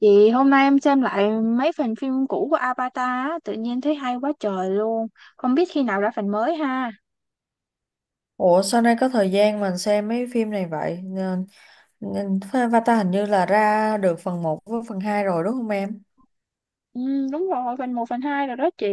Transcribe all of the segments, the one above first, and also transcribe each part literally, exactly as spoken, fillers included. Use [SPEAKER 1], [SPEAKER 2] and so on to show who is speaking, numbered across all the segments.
[SPEAKER 1] Chị hôm nay em xem lại mấy phần phim cũ của Avatar á, tự nhiên thấy hay quá trời luôn. Không biết khi nào ra phần mới ha.
[SPEAKER 2] Ủa sao nay có thời gian mình xem mấy phim này vậy? Nên- nên Avatar hình như là ra được phần một với phần hai rồi đúng không em?
[SPEAKER 1] Ừ, đúng rồi, phần một phần hai rồi đó chị.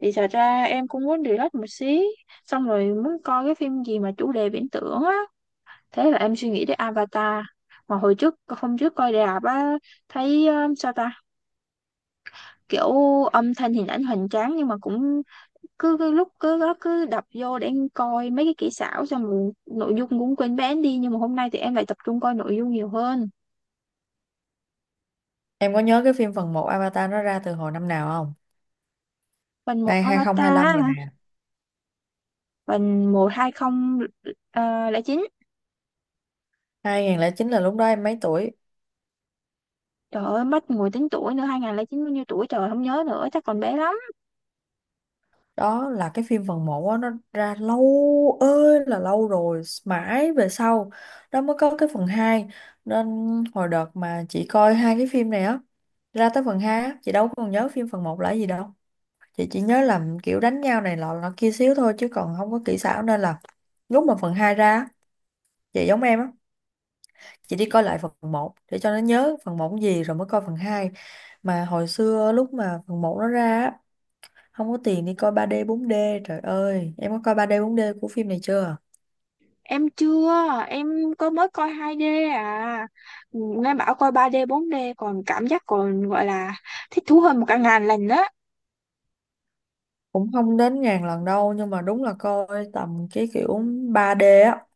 [SPEAKER 1] Thì thật ra em cũng muốn relax một xí, xong rồi muốn coi cái phim gì mà chủ đề viễn tưởng á. Thế là em suy nghĩ đến Avatar. Mà hồi trước, hôm trước coi rạp á, thấy ờ, sao ta, kiểu âm thanh hình ảnh hoành tráng, nhưng mà cũng cứ, cứ lúc cứ đó cứ đập vô để em coi mấy cái kỹ xảo, xong rồi nội dung cũng quên bén đi, nhưng mà hôm nay thì em lại tập trung coi nội dung nhiều hơn.
[SPEAKER 2] Em có nhớ cái phim phần một Avatar nó ra từ hồi năm nào không?
[SPEAKER 1] Phần một
[SPEAKER 2] Đây hai không hai lăm
[SPEAKER 1] Avatar,
[SPEAKER 2] rồi nè.
[SPEAKER 1] phần một hai không ờ, lẻ chín.
[SPEAKER 2] hai nghìn không trăm lẻ chín là lúc đó em mấy tuổi?
[SPEAKER 1] Trời ơi, mất ngồi tính tuổi nữa, hai nghìn không trăm lẻ chín bao nhiêu tuổi trời, không nhớ nữa, chắc còn bé lắm.
[SPEAKER 2] Đó là cái phim phần một á, nó ra lâu ơi là lâu rồi, mãi về sau đó mới có cái phần hai. Nên hồi đợt mà chị coi hai cái phim này á, ra tới phần hai á, chị đâu còn nhớ phim phần một là gì đâu. Chị chỉ nhớ là kiểu đánh nhau này lọ lọ kia xíu thôi chứ còn không có kỹ xảo, nên là lúc mà phần hai ra á, chị giống em á, chị đi coi lại phần một để cho nó nhớ phần một gì rồi mới coi phần hai. Mà hồi xưa lúc mà phần một nó ra á, không có tiền đi coi ba đê bốn đê. Trời ơi em có coi ba đê bốn đê của phim này chưa?
[SPEAKER 1] Em chưa, em có mới coi hai đê à. Nghe bảo coi ba đê bốn d còn cảm giác, còn gọi là thích thú hơn một cả ngàn lần đó.
[SPEAKER 2] Cũng không đến ngàn lần đâu, nhưng mà đúng là coi tầm cái kiểu ba đê á,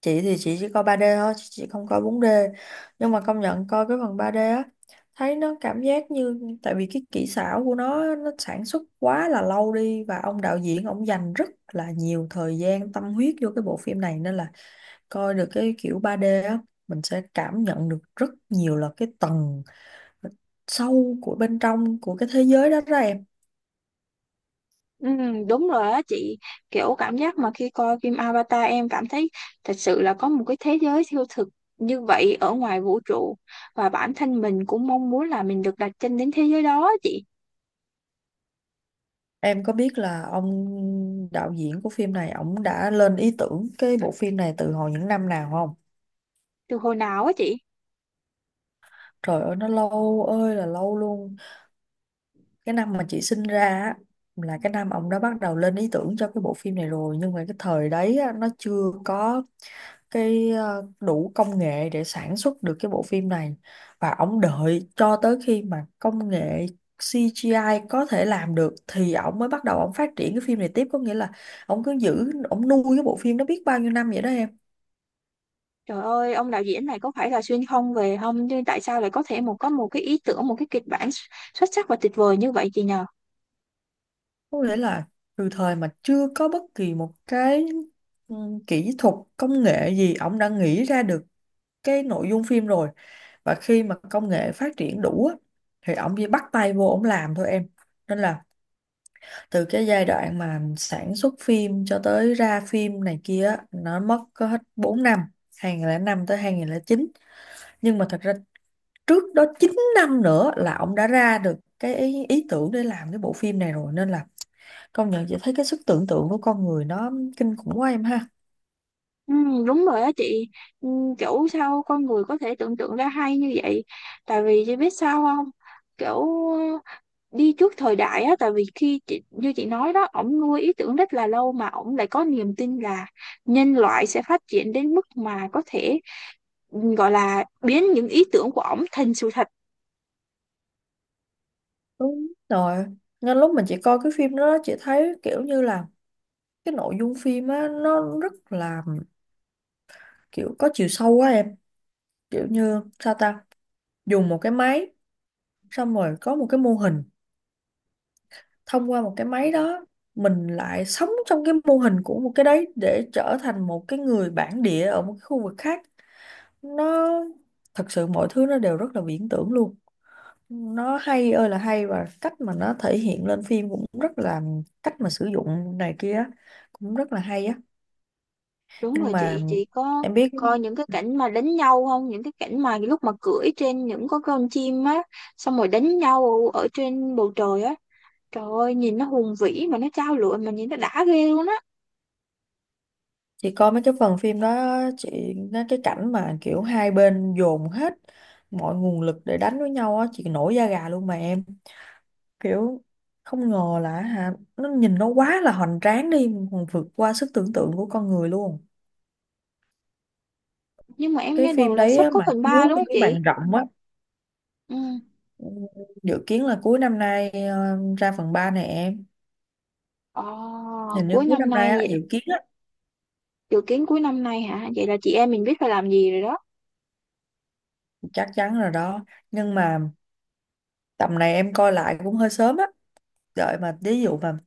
[SPEAKER 2] chị thì chị chỉ coi ba d thôi, chị chị không coi bốn d. Nhưng mà công nhận coi cái phần ba d á, thấy nó cảm giác như tại vì cái kỹ xảo của nó nó sản xuất quá là lâu đi và ông đạo diễn ông dành rất là nhiều thời gian tâm huyết vô cái bộ phim này, nên là coi được cái kiểu ba d á, mình sẽ cảm nhận được rất nhiều là cái tầng sâu của bên trong của cái thế giới đó đó em.
[SPEAKER 1] Ừ, đúng rồi á chị, kiểu cảm giác mà khi coi phim Avatar, em cảm thấy thật sự là có một cái thế giới siêu thực như vậy ở ngoài vũ trụ, và bản thân mình cũng mong muốn là mình được đặt chân đến thế giới đó á chị.
[SPEAKER 2] Em có biết là ông đạo diễn của phim này ông đã lên ý tưởng cái bộ phim này từ hồi những năm nào không?
[SPEAKER 1] Từ hồi nào á chị?
[SPEAKER 2] Trời ơi nó lâu ơi là lâu luôn. Cái năm mà chị sinh ra á, là cái năm ông đã bắt đầu lên ý tưởng cho cái bộ phim này rồi. Nhưng mà cái thời đấy á, nó chưa có cái ờ, đủ công nghệ để sản xuất được cái bộ phim này. Và ông đợi cho tới khi mà công nghệ xê giê i có thể làm được, thì ông mới bắt đầu ông phát triển cái phim này tiếp. Có nghĩa là ông cứ giữ, ông nuôi cái bộ phim nó biết bao nhiêu năm vậy đó em.
[SPEAKER 1] Trời ơi, ông đạo diễn này có phải là xuyên không về không, nhưng tại sao lại có thể một có một cái ý tưởng, một cái kịch bản xuất xuất sắc và tuyệt vời như vậy chị nhờ?
[SPEAKER 2] Có nghĩa là từ thời mà chưa có bất kỳ một cái ừ, kỹ thuật công nghệ gì ông đã nghĩ ra được cái nội dung phim rồi, và khi mà công nghệ phát triển đủ á, thì ông chỉ bắt tay vô ông làm thôi em. Nên là từ cái giai đoạn mà sản xuất phim cho tới ra phim này kia á, nó mất có hết bốn năm, hai không không năm tới hai không không chín. Nhưng mà thật ra trước đó chín năm nữa là ông đã ra được cái ý, ý tưởng để làm cái bộ phim này rồi, nên là công nhận chị thấy cái sức tưởng tượng của con người nó kinh khủng quá em ha.
[SPEAKER 1] Ừ, đúng rồi á chị, ừ, kiểu sao con người có thể tưởng tượng ra hay như vậy. Tại vì chị biết sao không? Kiểu đi trước thời đại á, tại vì khi chị, như chị nói đó, ổng nuôi ý tưởng rất là lâu mà ổng lại có niềm tin là nhân loại sẽ phát triển đến mức mà có thể, ừ, gọi là biến những ý tưởng của ổng thành sự thật.
[SPEAKER 2] Đúng rồi, nên lúc mình chỉ coi cái phim đó, chị thấy kiểu như là cái nội dung phim á nó rất là kiểu có chiều sâu quá em. Kiểu như sao ta, dùng một cái máy, xong rồi có một cái mô hình, thông qua một cái máy đó mình lại sống trong cái mô hình của một cái đấy để trở thành một cái người bản địa ở một cái khu vực khác. Nó thật sự mọi thứ nó đều rất là viễn tưởng luôn, nó hay ơi là hay, và cách mà nó thể hiện lên phim cũng rất là cách mà sử dụng này kia á, cũng rất là hay á.
[SPEAKER 1] Đúng
[SPEAKER 2] Nhưng
[SPEAKER 1] rồi
[SPEAKER 2] mà
[SPEAKER 1] chị chị có
[SPEAKER 2] em biết,
[SPEAKER 1] coi những cái cảnh mà đánh nhau không, những cái cảnh mà lúc mà cưỡi trên những con con chim á, xong rồi đánh nhau ở trên bầu trời á, trời ơi nhìn nó hùng vĩ mà nó trao lụa, mà nhìn nó đã ghê luôn á.
[SPEAKER 2] chị coi mấy cái phần phim đó chị, nó cái cảnh mà kiểu hai bên dồn hết mọi nguồn lực để đánh với nhau á, chị nổi da gà luôn mà em, kiểu không ngờ là hả, nó nhìn nó quá là hoành tráng đi, còn vượt qua sức tưởng tượng của con người luôn.
[SPEAKER 1] Nhưng mà em
[SPEAKER 2] Cái
[SPEAKER 1] nghe
[SPEAKER 2] phim
[SPEAKER 1] đồn là
[SPEAKER 2] đấy
[SPEAKER 1] sắp
[SPEAKER 2] á,
[SPEAKER 1] có
[SPEAKER 2] mà
[SPEAKER 1] phần
[SPEAKER 2] chiếu
[SPEAKER 1] ba đúng
[SPEAKER 2] trên
[SPEAKER 1] không
[SPEAKER 2] cái
[SPEAKER 1] chị?
[SPEAKER 2] màn rộng á.
[SPEAKER 1] Ừ.
[SPEAKER 2] Ừ, dự kiến là cuối năm nay ờ, ra phần ba này em.
[SPEAKER 1] Ồ.
[SPEAKER 2] Hình như
[SPEAKER 1] Cuối
[SPEAKER 2] cuối năm
[SPEAKER 1] năm
[SPEAKER 2] nay
[SPEAKER 1] nay
[SPEAKER 2] á,
[SPEAKER 1] vậy.
[SPEAKER 2] dự kiến á.
[SPEAKER 1] Dự kiến cuối năm nay hả? Vậy là chị em mình biết phải làm gì rồi đó.
[SPEAKER 2] Chắc chắn rồi đó. Nhưng mà tầm này em coi lại cũng hơi sớm á, đợi mà ví dụ mà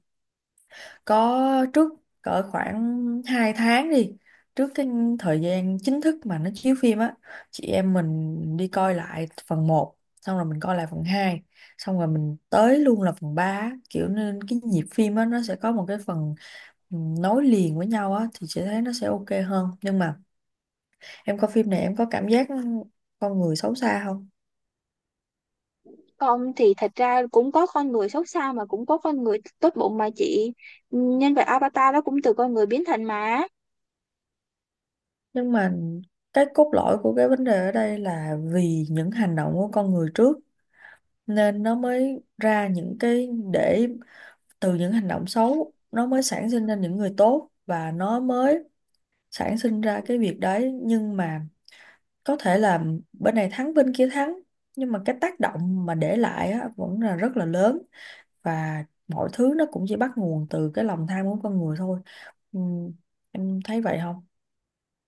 [SPEAKER 2] có trước cỡ khoảng hai tháng đi, trước cái thời gian chính thức mà nó chiếu phim á, chị em mình đi coi lại phần một, xong rồi mình coi lại phần hai, xong rồi mình tới luôn là phần ba á. Kiểu nên cái nhịp phim á nó sẽ có một cái phần ừ, nối liền với nhau á, thì chị thấy nó sẽ ok hơn. Nhưng mà em coi phim này em có cảm giác con người xấu xa không?
[SPEAKER 1] Không, thì thật ra cũng có con người xấu xa mà cũng có con người tốt bụng mà chị. Nhân vật Avatar đó cũng từ con người biến thành mà.
[SPEAKER 2] Nhưng mà cái cốt lõi của cái vấn đề ở đây là vì những hành động của con người trước, nên nó mới ra những cái để từ những hành động xấu nó mới sản sinh ra những người tốt, và nó mới sản sinh ra cái việc đấy. Nhưng mà có thể là bên này thắng bên kia thắng, nhưng mà cái tác động mà để lại á, vẫn là rất là lớn, và mọi thứ nó cũng chỉ bắt nguồn từ cái lòng tham của con người thôi. Ừm, em thấy vậy không?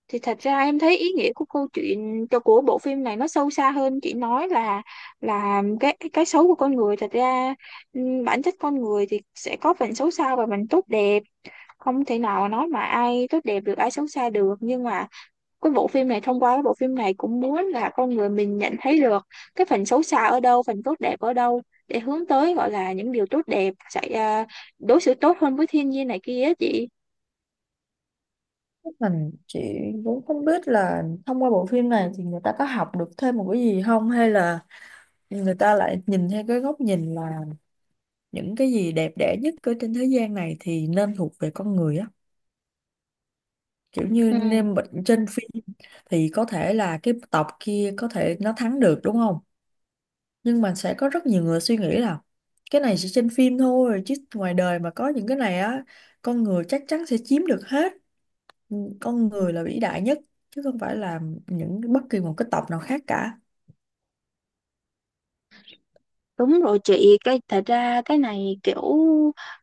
[SPEAKER 1] Thì thật ra em thấy ý nghĩa của câu chuyện, cho của bộ phim này nó sâu xa hơn. Chị nói là là cái cái xấu của con người, thật ra, ừm, bản chất con người thì sẽ có phần xấu xa và phần tốt đẹp. Không thể nào nói mà ai tốt đẹp được, ai xấu xa được, nhưng mà cái bộ phim này, thông qua cái bộ phim này cũng muốn là con người mình nhận thấy được cái phần xấu xa ở đâu, phần tốt đẹp ở đâu, để hướng tới gọi là những điều tốt đẹp, sẽ à, đối xử tốt hơn với thiên nhiên này kia á chị.
[SPEAKER 2] Mình chị cũng không biết là thông qua bộ phim này thì người ta có học được thêm một cái gì không, hay là người ta lại nhìn theo cái góc nhìn là những cái gì đẹp đẽ nhất ở trên thế gian này thì nên thuộc về con người á, kiểu như
[SPEAKER 1] Ừ.
[SPEAKER 2] nên bệnh trên phim thì có thể là cái tộc kia có thể nó thắng được đúng không, nhưng mà sẽ có rất nhiều người suy nghĩ là cái này chỉ trên phim thôi, chứ ngoài đời mà có những cái này á, con người chắc chắn sẽ chiếm được hết. Ừ, con người là vĩ đại nhất, chứ không phải là những bất kỳ một cái tộc nào khác cả.
[SPEAKER 1] Đúng rồi chị, cái thật ra cái này kiểu,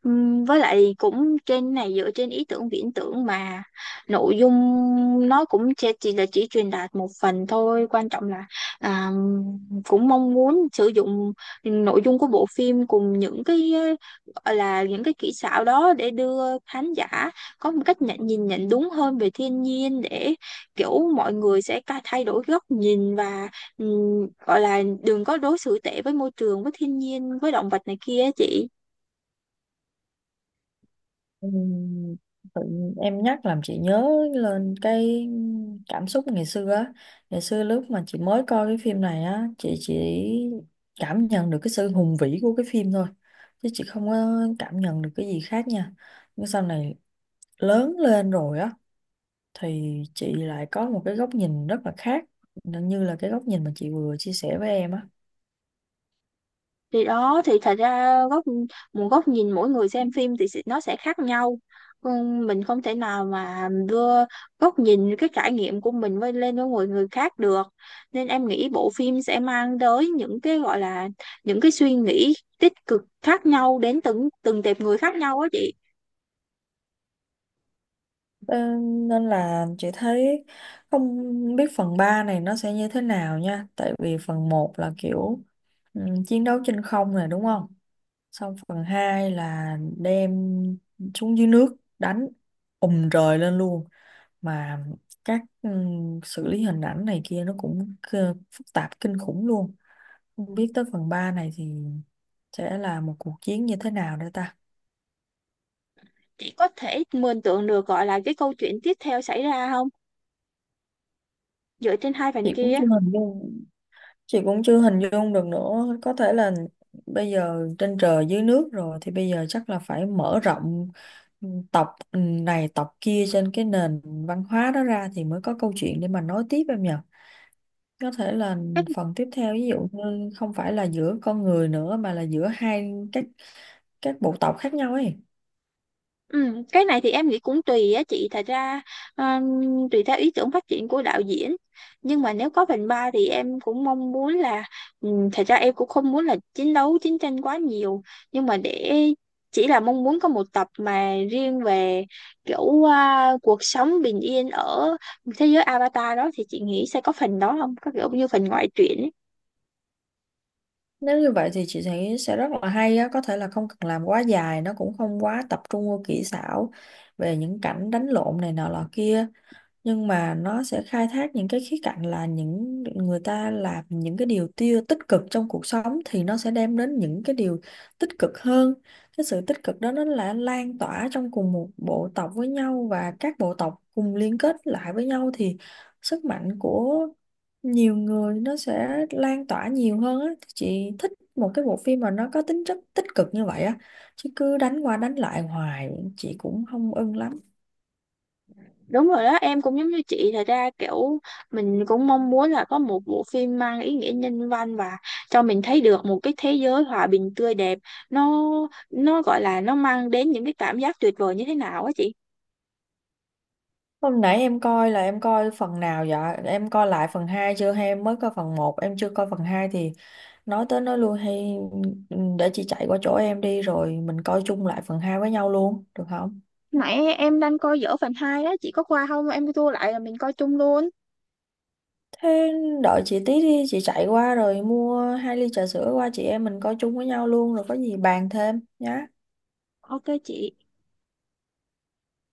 [SPEAKER 1] ừm, với lại cũng trên này dựa trên ý tưởng viễn tưởng mà, nội dung nó cũng chỉ, chỉ là chỉ truyền đạt một phần thôi, quan trọng là à, cũng mong muốn sử dụng nội dung của bộ phim cùng những cái ờ, gọi là những cái kỹ xảo đó để đưa khán giả có một cách nhận nhìn nhận đúng hơn về thiên nhiên, để kiểu mọi người sẽ ca- thay đổi góc nhìn và, ừ, gọi là đừng có đối xử tệ với môi trường, với thiên nhiên, với động vật này kia á chị.
[SPEAKER 2] Ừm, tự nhiên em nhắc làm chị nhớ lên cái cảm xúc ngày xưa á. Ngày xưa lúc mà chị mới coi cái phim này á, chị chỉ cảm nhận được cái sự hùng vĩ của cái phim thôi, chứ chị không có cảm nhận được cái gì khác nha. Nhưng sau này lớn lên rồi á, thì chị lại có một cái góc nhìn rất là khác, như là cái góc nhìn mà chị vừa chia sẻ với em á.
[SPEAKER 1] Thì đó, thì thật ra góc một góc nhìn mỗi người xem phim thì sẽ- nó sẽ khác nhau. Ừ, mình không thể nào mà đưa góc nhìn, cái trải nghiệm của mình với lên với người người khác được, nên em nghĩ bộ phim sẽ mang tới những cái gọi là những cái suy nghĩ tích cực khác nhau đến từng từng tệp người khác nhau á chị.
[SPEAKER 2] Ờ, nên là chị thấy không biết phần ba này nó sẽ như thế nào nha, tại vì phần một là kiểu, ừ, chiến đấu trên không nè đúng không? Xong phần hai là đem xuống dưới nước đánh, ùm rời lên luôn, mà các ừ, xử lý hình ảnh này kia nó cũng cơ- phức tạp kinh khủng luôn. Không biết tới phần ba này thì sẽ là một cuộc chiến như thế nào nữa ta.
[SPEAKER 1] Chị có thể mường tượng được gọi là cái câu chuyện tiếp theo xảy ra không, dựa trên hai phần
[SPEAKER 2] Chị cũng
[SPEAKER 1] kia?
[SPEAKER 2] chưa hình dung chị cũng chưa hình dung được nữa, có thể là bây giờ trên trời dưới nước rồi thì bây giờ chắc là phải mở rộng tộc ừ, này tộc kia trên cái nền văn hóa đó ra thì mới có câu chuyện để mà nói tiếp em nhỉ. Có thể là phần tiếp theo ví dụ như không phải là giữa con người nữa mà là giữa hai các các bộ tộc khác nhau ấy.
[SPEAKER 1] Ừ, cái này thì em nghĩ cũng tùy á chị, thật ra, um, tùy theo ý tưởng phát triển của đạo diễn, nhưng mà nếu có phần ba thì em cũng mong muốn là, um, thật ra em cũng không muốn là chiến đấu chiến tranh quá nhiều, nhưng mà để chỉ là mong muốn có một tập mà riêng về kiểu, uh, cuộc sống bình yên ở thế giới Avatar đó, thì chị nghĩ sẽ có phần đó, không có kiểu như phần ngoại truyện ấy.
[SPEAKER 2] Nếu như vậy thì chị thấy sẽ rất là hay á, có thể là không cần làm quá dài, nó cũng không quá tập trung vô kỹ xảo về những cảnh đánh lộn này nọ lọ kia, nhưng mà nó sẽ khai thác những cái khía cạnh là những người ta làm những cái điều tiêu tích cực trong cuộc sống, thì nó sẽ đem đến những cái điều tích cực hơn. Cái sự tích cực đó nó là lan tỏa trong cùng một bộ tộc với nhau và các bộ tộc cùng liên kết lại với nhau, thì sức mạnh của nhiều người nó sẽ lan tỏa nhiều hơn á. Chị thích một cái bộ phim mà nó có tính chất tích cực như vậy á, chứ cứ đánh qua đánh lại hoài chị cũng không ưng lắm.
[SPEAKER 1] Đúng rồi đó, em cũng giống như chị, thật ra kiểu mình cũng mong muốn là có một bộ phim mang ý nghĩa nhân văn và cho mình thấy được một cái thế giới hòa bình tươi đẹp. Nó nó gọi là nó mang đến những cái cảm giác tuyệt vời như thế nào á chị.
[SPEAKER 2] Hôm nãy em coi là em coi phần nào vậy? Em coi lại phần hai chưa hay em mới coi phần một em chưa coi phần hai thì nói tới nói lui hay, ừ, để chị chạy qua chỗ em đi rồi mình coi chung lại phần hai với nhau luôn, được không?
[SPEAKER 1] Nãy em đang coi dở phần hai đó, chị có qua không? Em tua lại là mình coi chung luôn.
[SPEAKER 2] Thế đợi chị tí đi, chị chạy qua rồi mua hai ly trà sữa qua chị em mình coi chung với nhau luôn rồi có gì bàn thêm nhá.
[SPEAKER 1] Ok chị.